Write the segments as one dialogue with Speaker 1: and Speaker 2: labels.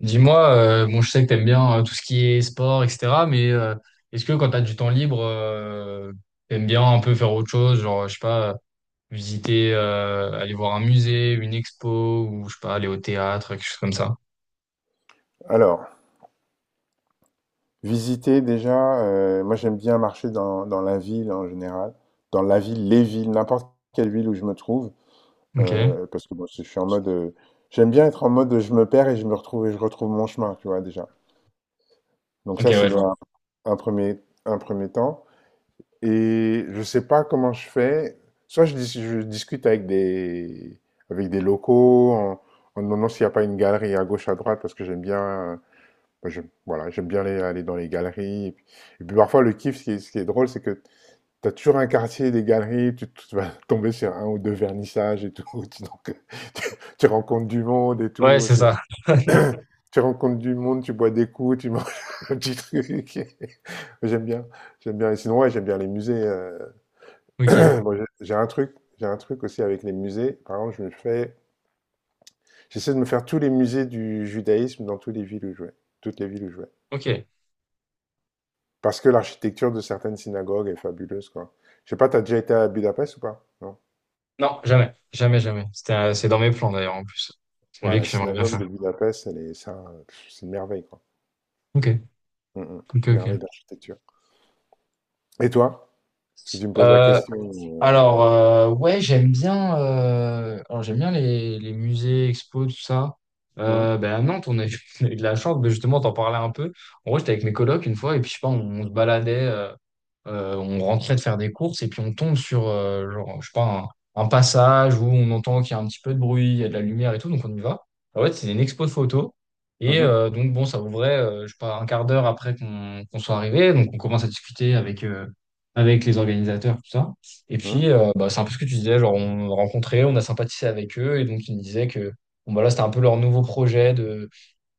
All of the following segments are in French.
Speaker 1: Dis-moi, bon, je sais que t'aimes bien tout ce qui est sport, etc. Mais est-ce que quand t'as du temps libre, t'aimes bien un peu faire autre chose, genre, je sais pas, visiter, aller voir un musée, une expo, ou je sais pas, aller au théâtre, quelque chose comme ça.
Speaker 2: Alors, visiter déjà, moi j'aime bien marcher dans la ville en général, dans la ville, les villes, n'importe quelle ville où je me trouve,
Speaker 1: Ok.
Speaker 2: parce que bon, je suis en mode, j'aime bien être en mode je me perds et je me retrouve et je retrouve mon chemin, tu vois déjà. Donc
Speaker 1: Ok,
Speaker 2: ça c'est
Speaker 1: ouais, je vois.
Speaker 2: dans un premier temps. Et je sais pas comment je fais. Soit je discute avec avec des locaux en demandant s'il n'y a pas une galerie à gauche, à droite, parce que j'aime bien. Moi, voilà, j'aime bien aller dans les galeries. Et puis parfois, le kiff, ce qui est drôle, c'est que tu as toujours un quartier des galeries, tu vas tomber sur un ou deux vernissages et tout. Donc, tu, tu rencontres du monde et
Speaker 1: Ouais,
Speaker 2: tout.
Speaker 1: c'est ça.
Speaker 2: Tu rencontres du monde, tu bois des coups, tu manges un petit truc. J'aime bien. J'aime bien. Et sinon, ouais, j'aime bien les musées.
Speaker 1: Ok.
Speaker 2: Bon, j'ai un truc aussi avec les musées. Par exemple, j'essaie de me faire tous les musées du judaïsme dans toutes les villes où je vais. Toutes les villes où je vais.
Speaker 1: Ok.
Speaker 2: Parce que l'architecture de certaines synagogues est fabuleuse, quoi. Je sais pas, t'as déjà été à Budapest ou pas? Non.
Speaker 1: Non, jamais. Jamais, jamais. C'est dans mes plans d'ailleurs, en plus. C'est une
Speaker 2: Ouais,
Speaker 1: vie
Speaker 2: la
Speaker 1: que j'aimerais bien
Speaker 2: synagogue
Speaker 1: faire.
Speaker 2: de Budapest, elle est, ça, pff, c'est une merveille, quoi.
Speaker 1: Ok.
Speaker 2: Mm, mm.
Speaker 1: Ok,
Speaker 2: Une
Speaker 1: ok.
Speaker 2: merveille d'architecture. Et toi? Parce que tu me poses la
Speaker 1: Euh,
Speaker 2: question.
Speaker 1: Alors,
Speaker 2: euh,
Speaker 1: ouais, j'aime bien, j'aime bien les musées, expos, tout ça.
Speaker 2: euh, Hum.
Speaker 1: Ben à Nantes, on a eu de la chance, mais justement, t'en parlais un peu. En gros, j'étais avec mes colocs une fois, et puis je sais pas, on se baladait, on rentrait de faire des courses, et puis on tombe sur, genre, je sais pas, un passage où on entend qu'il y a un petit peu de bruit, il y a de la lumière et tout, donc on y va. En fait, c'est une expo de photos. Et
Speaker 2: Mhm.
Speaker 1: euh, donc, bon, ça ouvrait, je sais pas, un quart d'heure après qu'on soit arrivé. Donc, on commence à discuter avec les organisateurs, tout ça. Et
Speaker 2: Hum.
Speaker 1: puis, bah, c'est un peu ce que tu disais, genre on a rencontré, on a sympathisé avec eux, et donc ils me disaient que bon, bah, là, c'était un peu leur nouveau projet de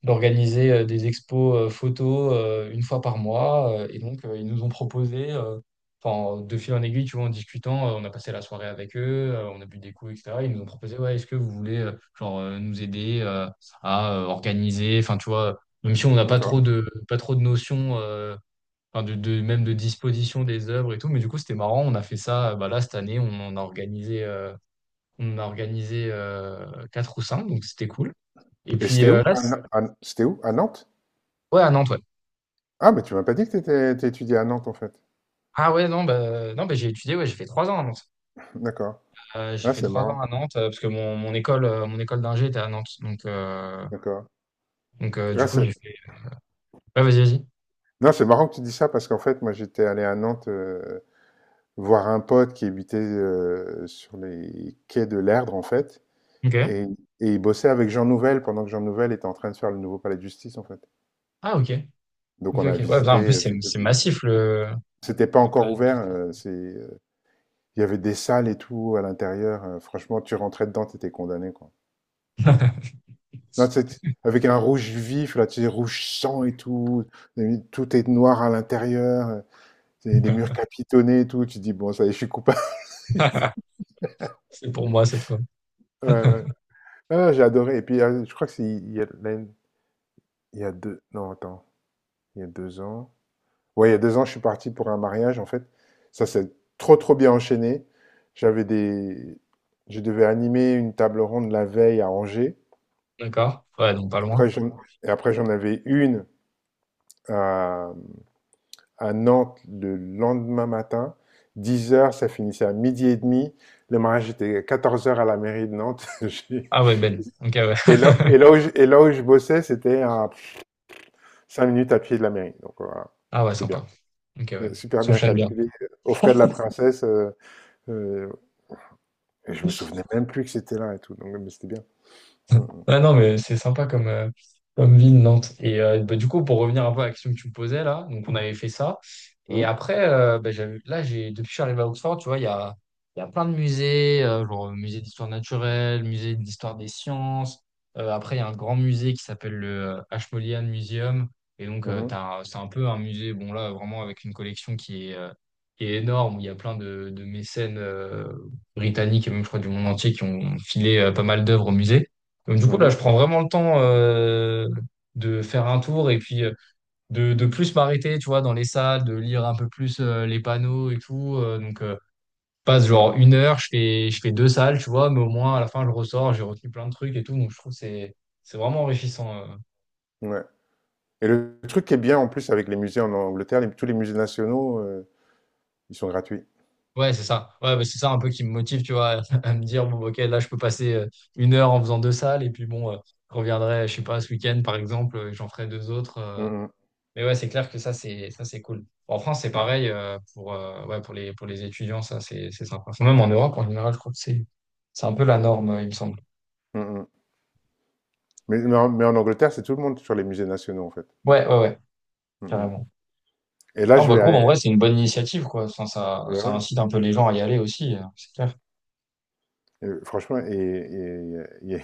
Speaker 1: d'organiser des expos photos une fois par mois. Et donc, ils nous ont proposé, enfin, de fil en aiguille, tu vois, en discutant, on a passé la soirée avec eux, on a bu des coups, etc. Ils nous ont proposé, ouais, est-ce que vous voulez genre, nous aider à organiser, enfin, tu vois, même si on n'a pas
Speaker 2: D'accord.
Speaker 1: pas trop de notions. Enfin de même de disposition des œuvres et tout. Mais du coup, c'était marrant. On a fait ça. Bah là, cette année, on en a organisé, quatre ou cinq, donc c'était cool. Et
Speaker 2: Et
Speaker 1: puis
Speaker 2: c'était où?
Speaker 1: là,
Speaker 2: C'était où? À Nantes?
Speaker 1: ouais, à Nantes, ouais.
Speaker 2: Ah, mais tu m'as pas dit que t'étudiais à Nantes, en fait.
Speaker 1: Ah ouais, non, bah, non, bah, j'ai étudié. Ouais, j'ai fait 3 ans à Nantes.
Speaker 2: D'accord.
Speaker 1: J'ai
Speaker 2: Là,
Speaker 1: fait
Speaker 2: c'est
Speaker 1: 3 ans
Speaker 2: marrant.
Speaker 1: à Nantes parce que mon école, mon école d'ingé était à Nantes. Donc, euh,
Speaker 2: D'accord.
Speaker 1: donc euh, du
Speaker 2: Là,
Speaker 1: coup,
Speaker 2: c'est.
Speaker 1: j'ai fait. Ouais, vas-y, vas-y.
Speaker 2: Non, c'est marrant que tu dis ça parce qu'en fait, moi, j'étais allé à Nantes voir un pote qui habitait sur les quais de l'Erdre, en fait,
Speaker 1: Ok.
Speaker 2: et et il bossait avec Jean Nouvel pendant que Jean Nouvel était en train de faire le nouveau palais de justice, en fait.
Speaker 1: Ah ok.
Speaker 2: Donc
Speaker 1: Ok,
Speaker 2: on a
Speaker 1: ok. Ouais, putain,
Speaker 2: visité,
Speaker 1: en plus,
Speaker 2: heu,
Speaker 1: c'est
Speaker 2: c'était
Speaker 1: c'est massif
Speaker 2: c'était pas
Speaker 1: le
Speaker 2: encore
Speaker 1: palais de
Speaker 2: ouvert,
Speaker 1: justice.
Speaker 2: heu, c'est, heu, Il y avait des salles et tout à l'intérieur, franchement, tu rentrais dedans, t'étais condamné, quoi. Non, tu avec un rouge vif, là, tu sais, rouge sang et tout est noir à l'intérieur, c'est les murs capitonnés et tout, tu te dis: «Bon, ça y est, je suis coupable».
Speaker 1: C'est pour moi cette fois.
Speaker 2: Ouais, ouais. Non, j'ai adoré et puis, je crois que c'est il y a l'année Il y a 2 non, attends, il y a 2 ans. Ouais, il y a 2 ans, je suis parti pour un mariage, en fait. Ça s'est trop, trop bien enchaîné. J'avais des je devais animer une table ronde la veille à Angers.
Speaker 1: D'accord? Ouais, donc pas loin.
Speaker 2: Après, j'en avais une à, à Nantes le lendemain matin. 10 heures, ça finissait à midi et demi. Le mariage était à 14 heures à la mairie de Nantes.
Speaker 1: Ah ouais, belle. Ok, ouais.
Speaker 2: Et là, et là où je bossais, c'était à 5 minutes à pied de la mairie. Donc voilà,
Speaker 1: Ah ouais,
Speaker 2: c'était bien.
Speaker 1: sympa. Ok, ouais.
Speaker 2: Super bien
Speaker 1: S'enchaîne bien.
Speaker 2: calculé, aux frais de la princesse, heu, et je me souvenais même plus que c'était là et tout, donc mais c'était bien. Mmh.
Speaker 1: Ah non, mais c'est sympa comme ville, Nantes. Et bah, du coup, pour revenir un peu à la question que tu me posais là, donc on avait fait ça. Et
Speaker 2: Mh.
Speaker 1: après, bah, là, depuis que je suis arrivé à Oxford, tu vois, il y a plein de musées, genre musée d'histoire naturelle, musée d'histoire des sciences. Après, il y a un grand musée qui s'appelle le Ashmolean Museum. Et donc,
Speaker 2: Mmh. Mh.
Speaker 1: c'est un peu un musée, bon là, vraiment avec une collection qui est énorme, où il y a plein de mécènes britanniques et même, je crois, du monde entier qui ont filé pas mal d'œuvres au musée. Donc, du coup, là, je
Speaker 2: Mmh.
Speaker 1: prends vraiment le temps de faire un tour et puis de, plus m'arrêter, tu vois, dans les salles, de lire un peu plus les panneaux et tout. Donc, je passe
Speaker 2: Mmh
Speaker 1: genre
Speaker 2: mmh.
Speaker 1: une heure, je fais deux salles, tu vois, mais au moins, à la fin, je ressors, j'ai retenu plein de trucs et tout. Donc, je trouve que c'est vraiment enrichissant.
Speaker 2: Mmh. Ouais, et le truc qui est bien en plus avec les musées en Angleterre, les tous les musées nationaux, ils sont gratuits.
Speaker 1: Ouais, c'est ça. Ouais, bah, c'est ça un peu qui me motive, tu vois, à me dire, bon, ok, là, je peux passer une heure en faisant deux salles et puis bon, je reviendrai, je sais pas, ce week-end, par exemple, et j'en ferai deux autres.
Speaker 2: Mmh. Mh.
Speaker 1: Mais ouais, c'est clair que ça, c'est cool. En France, c'est
Speaker 2: Mmh.
Speaker 1: pareil pour, ouais, pour les étudiants, ça, c'est sympa. Enfin, même en Europe, en général, je crois que c'est un peu la norme, il me semble.
Speaker 2: Mmh mmh. Mais mais en Angleterre, c'est tout le monde sur les musées nationaux, en fait.
Speaker 1: Ouais, ouais, ouais,
Speaker 2: Mmh mmh.
Speaker 1: carrément.
Speaker 2: et là,
Speaker 1: Non,
Speaker 2: je
Speaker 1: bah, je
Speaker 2: vais
Speaker 1: trouve,
Speaker 2: aller
Speaker 1: en vrai, c'est une bonne initiative, quoi. Enfin, ça,
Speaker 2: ouais,
Speaker 1: ça
Speaker 2: ouais,
Speaker 1: incite un peu les gens à y aller aussi, c'est clair.
Speaker 2: franchement, et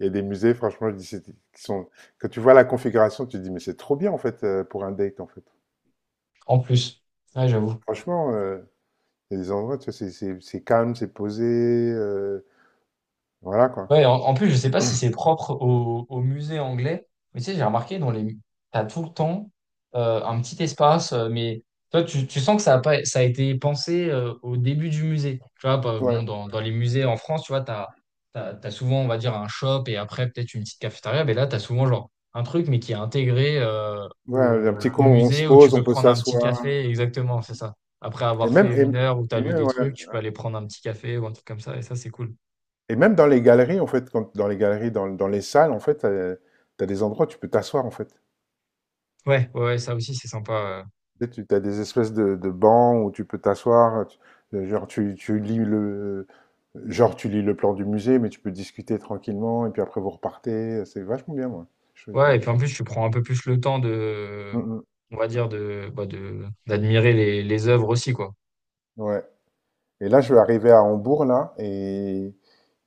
Speaker 2: il y a des musées, franchement, je dis, c'est qui sont quand tu vois la configuration, tu te dis: «Mais c'est trop bien, en fait, pour un date, en fait».
Speaker 1: En plus, ouais, j'avoue.
Speaker 2: Franchement, il y a des endroits, tu vois, c'est calme, c'est posé. Voilà, quoi.
Speaker 1: Ouais, en plus, je sais pas si c'est propre au musée anglais, mais tu sais, j'ai remarqué t'as tout le temps un petit espace, mais toi, tu sens que ça a pas, ça a été pensé au début du musée. Tu vois, bah,
Speaker 2: Ouais,
Speaker 1: bon, dans les musées en France, tu vois, t'as souvent, on va dire, un shop et après peut-être une petite cafétéria, mais là, t'as souvent genre un truc, mais qui est intégré
Speaker 2: ouais, un
Speaker 1: au,
Speaker 2: petit
Speaker 1: au
Speaker 2: coin où on se
Speaker 1: musée où tu
Speaker 2: pose,
Speaker 1: peux
Speaker 2: on peut
Speaker 1: prendre un petit
Speaker 2: s'asseoir.
Speaker 1: café. Exactement, c'est ça. Après
Speaker 2: Et
Speaker 1: avoir fait
Speaker 2: même,
Speaker 1: une heure où t'as
Speaker 2: et
Speaker 1: lu
Speaker 2: même,
Speaker 1: des
Speaker 2: ouais.
Speaker 1: trucs, tu peux aller prendre un petit café ou un truc comme ça, et ça, c'est cool.
Speaker 2: Et même dans les galeries, en fait, quand, dans les galeries, dans, dans les salles, en fait, t'as des endroits où tu peux t'asseoir, en fait.
Speaker 1: Ouais, ouais, ouais, ça aussi, c'est sympa.
Speaker 2: Tu sais, t'as des espèces de bancs où tu peux t'asseoir. Genre, genre, tu lis le plan du musée, mais tu peux discuter tranquillement. Et puis après, vous repartez. C'est vachement bien, moi. Je,
Speaker 1: Ouais, et
Speaker 2: je-
Speaker 1: puis
Speaker 2: je-
Speaker 1: en plus, tu prends un peu plus le temps de,
Speaker 2: Mm, mm.
Speaker 1: on va dire, d'admirer les œuvres aussi, quoi.
Speaker 2: Ouais. Et là, je vais arriver à Hambourg, là, et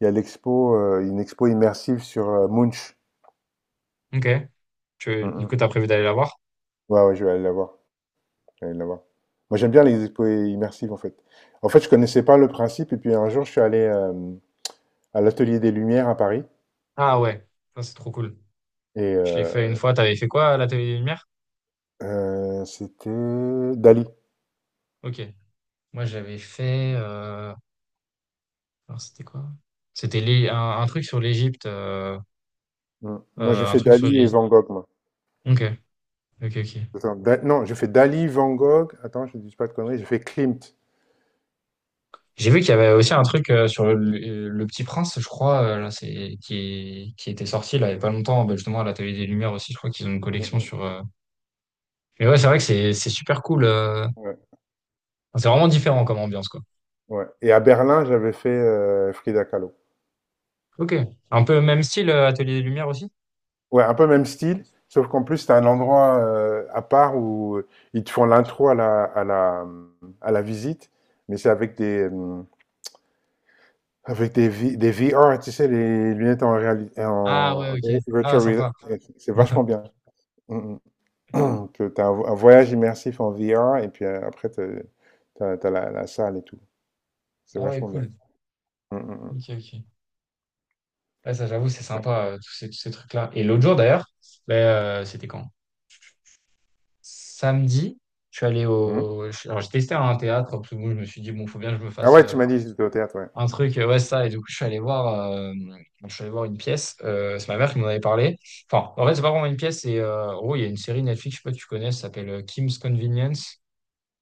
Speaker 2: il y a une expo immersive sur Munch.
Speaker 1: Ok. Du coup,
Speaker 2: Mhm.
Speaker 1: t'as prévu d'aller la voir?
Speaker 2: Ouais, ouais, je vais aller la voir. Je vais aller la voir. Moi, j'aime bien les expos immersives, en fait. En fait, je connaissais pas le principe, et puis un jour, je suis allé à l'Atelier des Lumières à Paris,
Speaker 1: Ah ouais, ça, c'est trop cool.
Speaker 2: et
Speaker 1: Je l'ai fait une fois. T'avais fait quoi à l'Atelier des Lumières?
Speaker 2: c'était Dali.
Speaker 1: Ok. Moi, j'avais fait, alors, c'était quoi? C'était un truc sur l'Égypte
Speaker 2: Mm. Non, j'ai
Speaker 1: euh, un
Speaker 2: fait
Speaker 1: truc sur
Speaker 2: Dali et
Speaker 1: l'Égypte.
Speaker 2: Van Gogh, moi.
Speaker 1: Ok, ok, ok.
Speaker 2: Attends, non, j'ai fait Dali, Van Gogh, attends, je ne dis pas de conneries, j'ai fait Klimt.
Speaker 1: J'ai vu qu'il y avait aussi un truc sur Petit Prince, je crois, là, qui était sorti là, il y a pas longtemps, bah, justement à la télé des Lumières aussi, je crois qu'ils ont une
Speaker 2: Mm,
Speaker 1: collection
Speaker 2: mm.
Speaker 1: sur. Mais ouais, c'est vrai que c'est super cool.
Speaker 2: Ouais,
Speaker 1: Enfin, c'est vraiment différent comme ambiance, quoi.
Speaker 2: ouais. Et à Berlin, j'avais fait Frida Kahlo.
Speaker 1: Ok. Un peu même style, Atelier des Lumières aussi?
Speaker 2: Ouais, un peu même style, sauf qu'en plus, tu un endroit à part où ils te font l'intro à à la visite, mais c'est avec des, V- des VR, tu sais, les lunettes en réalité,
Speaker 1: Ah ouais,
Speaker 2: en
Speaker 1: ok. Ah,
Speaker 2: virtual
Speaker 1: sympa.
Speaker 2: reality. C'est vachement bien. Mm, mm. Que tu un, un voyage immersif en VR, et puis après, t'as la salle et tout. C'est
Speaker 1: Ah ouais,
Speaker 2: vachement bien.
Speaker 1: cool.
Speaker 2: Mm, mm, mm.
Speaker 1: Ok, ok. Ouais, ça, j'avoue, c'est
Speaker 2: Ouais.
Speaker 1: sympa, tous ces trucs-là. Et l'autre jour, d'ailleurs, bah, c'était quand? Samedi, je suis allé
Speaker 2: Mhm.
Speaker 1: au. Je- Alors, j'ai testé un théâtre, parce que bon, je me suis dit, bon, faut bien que je me
Speaker 2: Ah
Speaker 1: fasse.
Speaker 2: ouais, tu m'as dit que j'étais au théâtre, ouais.
Speaker 1: Un truc, ouais, ça. Et du coup, je suis allé voir une pièce. C'est ma mère qui m'en avait parlé. Enfin, en fait, c'est pas vraiment une pièce. C'est, en gros, il y a une série Netflix, je sais pas si tu connais, ça s'appelle Kim's Convenience.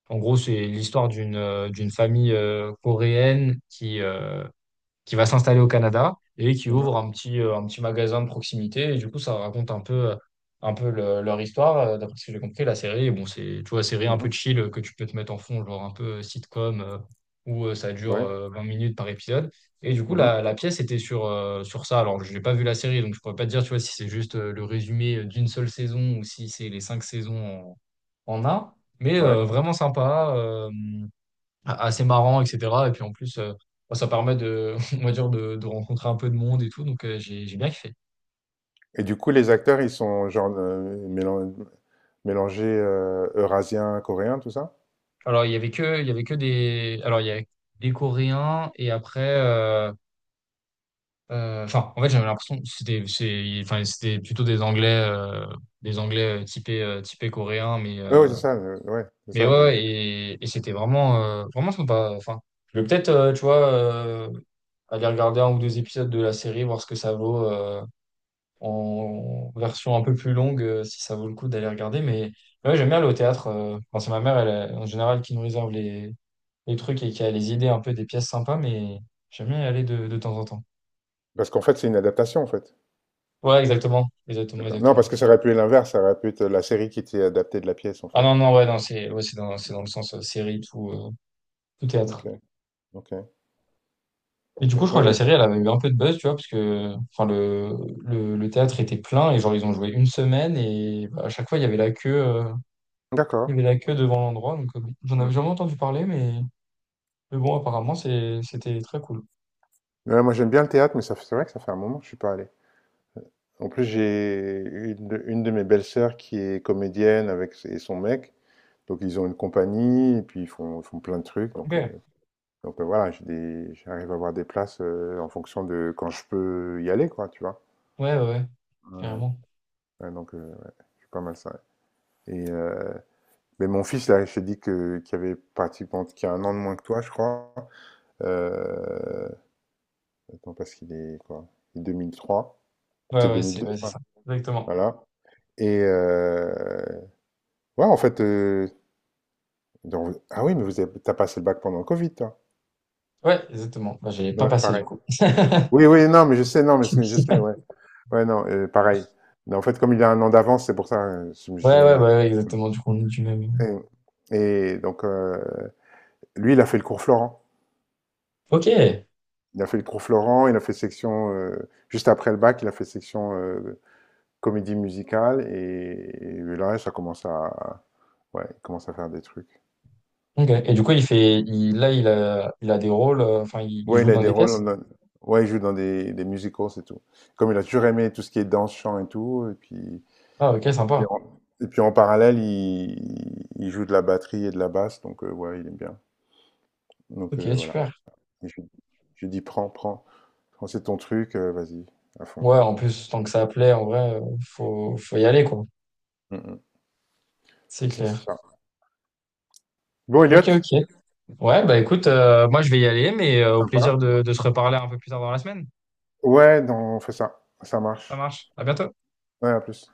Speaker 1: En gros, c'est l'histoire d'une famille coréenne qui va s'installer au Canada et qui ouvre
Speaker 2: Mhm,
Speaker 1: un petit magasin de proximité. Et du coup, ça raconte un peu leur histoire. D'après ce que j'ai compris, la série, bon, c'est, tu vois, série un peu
Speaker 2: mhm.
Speaker 1: chill que tu peux te mettre en fond, genre un peu sitcom, où ça dure
Speaker 2: Ouais.
Speaker 1: 20 minutes par épisode. Et du coup,
Speaker 2: Mhm,
Speaker 1: la pièce était sur ça. Alors, je n'ai pas vu la série, donc je ne pourrais pas te dire, tu vois, si c'est juste le résumé d'une seule saison ou si c'est les cinq saisons en un. Mais
Speaker 2: ouais.
Speaker 1: vraiment sympa. Assez marrant, etc. Et puis en plus, bon, ça permet de, on va dire, de rencontrer un peu de monde et tout. Donc j'ai bien kiffé.
Speaker 2: Et du coup, les acteurs, ils sont genre mélangés eurasiens, coréens, tout ça?
Speaker 1: Il y avait que des, alors il y avait des Coréens et après, enfin en fait j'avais l'impression que enfin c'était plutôt des Anglais typés coréens, mais
Speaker 2: Ah oui, c'est
Speaker 1: euh,
Speaker 2: ça, ouais, c'est
Speaker 1: mais
Speaker 2: ça.
Speaker 1: ouais
Speaker 2: des-
Speaker 1: ouais, et c'était vraiment sympa. Enfin, je vais peut-être, tu vois, aller regarder un ou deux épisodes de la série, voir ce que ça vaut. En version un peu plus longue si ça vaut le coup d'aller regarder. Mais ouais, j'aime bien aller au théâtre. Enfin, c'est ma mère, elle, en général, qui nous réserve les, trucs et qui a les idées un peu des pièces sympas, mais j'aime bien y aller de temps en temps.
Speaker 2: Parce qu'en fait, c'est une adaptation, en fait.
Speaker 1: Ouais, exactement. Exactement,
Speaker 2: D'accord. Non,
Speaker 1: exactement.
Speaker 2: parce que ça aurait pu être l'inverse, ça aurait pu être la série qui était adaptée de la pièce, en
Speaker 1: Ah
Speaker 2: fait.
Speaker 1: non, non, ouais, non, C'est dans le sens série, tout, tout
Speaker 2: Ok,
Speaker 1: théâtre.
Speaker 2: ok,
Speaker 1: Et du
Speaker 2: ok.
Speaker 1: coup, je
Speaker 2: Moi,
Speaker 1: crois que la
Speaker 2: j'aime bien.
Speaker 1: série, elle avait eu un peu de buzz, tu vois, parce que enfin, le, le théâtre était plein et genre, ils ont joué une semaine et bah, à chaque fois, il y avait la queue, euh,
Speaker 2: D'accord.
Speaker 1: il y avait la queue devant l'endroit. Donc, j'en
Speaker 2: Hmm.
Speaker 1: avais jamais entendu parler, mais bon, apparemment, c'était très cool.
Speaker 2: Ouais, moi, j'aime bien le théâtre, mais c'est vrai que ça fait un moment que je suis pas allé. En plus, j'ai une de mes belles-sœurs qui est comédienne et son mec. Donc, ils ont une compagnie, et puis ils font plein de trucs.
Speaker 1: Ok.
Speaker 2: Donc,
Speaker 1: Ouais,
Speaker 2: donc, voilà, j'arrive à avoir des places, en fonction de quand je peux y aller, quoi, tu vois?
Speaker 1: ouais, ouais, carrément.
Speaker 2: Ouais, donc, c'est pas mal ça, ouais, et mais mon fils là, je t'ai dit que qu'il avait pratiquement qui a un an de moins que toi, je crois, heu, attends parce qu'il est quoi? 2003,
Speaker 1: Ouais,
Speaker 2: c'est
Speaker 1: ouais,
Speaker 2: 2002
Speaker 1: c'est
Speaker 2: ça?
Speaker 1: ça. Exactement.
Speaker 2: Voilà, et ouais, en fait, dans ah oui, mais vous avez tu passé le bac pendant le Covid, toi?
Speaker 1: Ouais, exactement. Bah, j'allais pas
Speaker 2: Ouais,
Speaker 1: passer du
Speaker 2: pareil.
Speaker 1: coup.
Speaker 2: Oui, oui, non, mais je sais, non, mais ce je sais, ouais. Ouais, non, pareil. Mais en fait, comme il a un an d'avance, c'est pour ça, je me
Speaker 1: Ouais, ouais, bah, ouais, exactement. Du coup, on est du même.
Speaker 2: Et, et donc, lui, il a fait le cours Florent.
Speaker 1: Ok.
Speaker 2: Il a fait le cours Florent, il a fait section, juste après le bac, il a fait section comédie musicale. Et, là, ouais, il commence à faire des trucs.
Speaker 1: Ok. Et du coup, là, il a des rôles. Enfin, il
Speaker 2: Ouais,
Speaker 1: joue
Speaker 2: il a
Speaker 1: dans
Speaker 2: des
Speaker 1: des
Speaker 2: rôles,
Speaker 1: pièces.
Speaker 2: ouais, il joue dans des musicals, c'est tout. Comme il a toujours aimé tout ce qui est danse, chant et tout.
Speaker 1: Ah, ok,
Speaker 2: Puis
Speaker 1: sympa.
Speaker 2: en, et puis en parallèle, il joue de la batterie et de la basse, donc ouais, il aime bien. Donc
Speaker 1: Ok,
Speaker 2: voilà.
Speaker 1: super.
Speaker 2: Et je dis, prends, prends, prends, c'est ton truc, vas-y, à fond.
Speaker 1: Ouais, en plus, tant que ça plaît, en vrai, faut y aller, quoi.
Speaker 2: Mmh mh.
Speaker 1: C'est
Speaker 2: C'est ça, c'est
Speaker 1: clair.
Speaker 2: ça. Bon
Speaker 1: Ok,
Speaker 2: Elliot,
Speaker 1: ok. Ouais, bah écoute, moi, je vais y aller, mais au plaisir
Speaker 2: sympa.
Speaker 1: de se reparler un peu plus tard dans la semaine.
Speaker 2: Ouais, non, on fait ça. Ça
Speaker 1: Ça
Speaker 2: marche.
Speaker 1: marche. À bientôt.
Speaker 2: Ouais, à plus.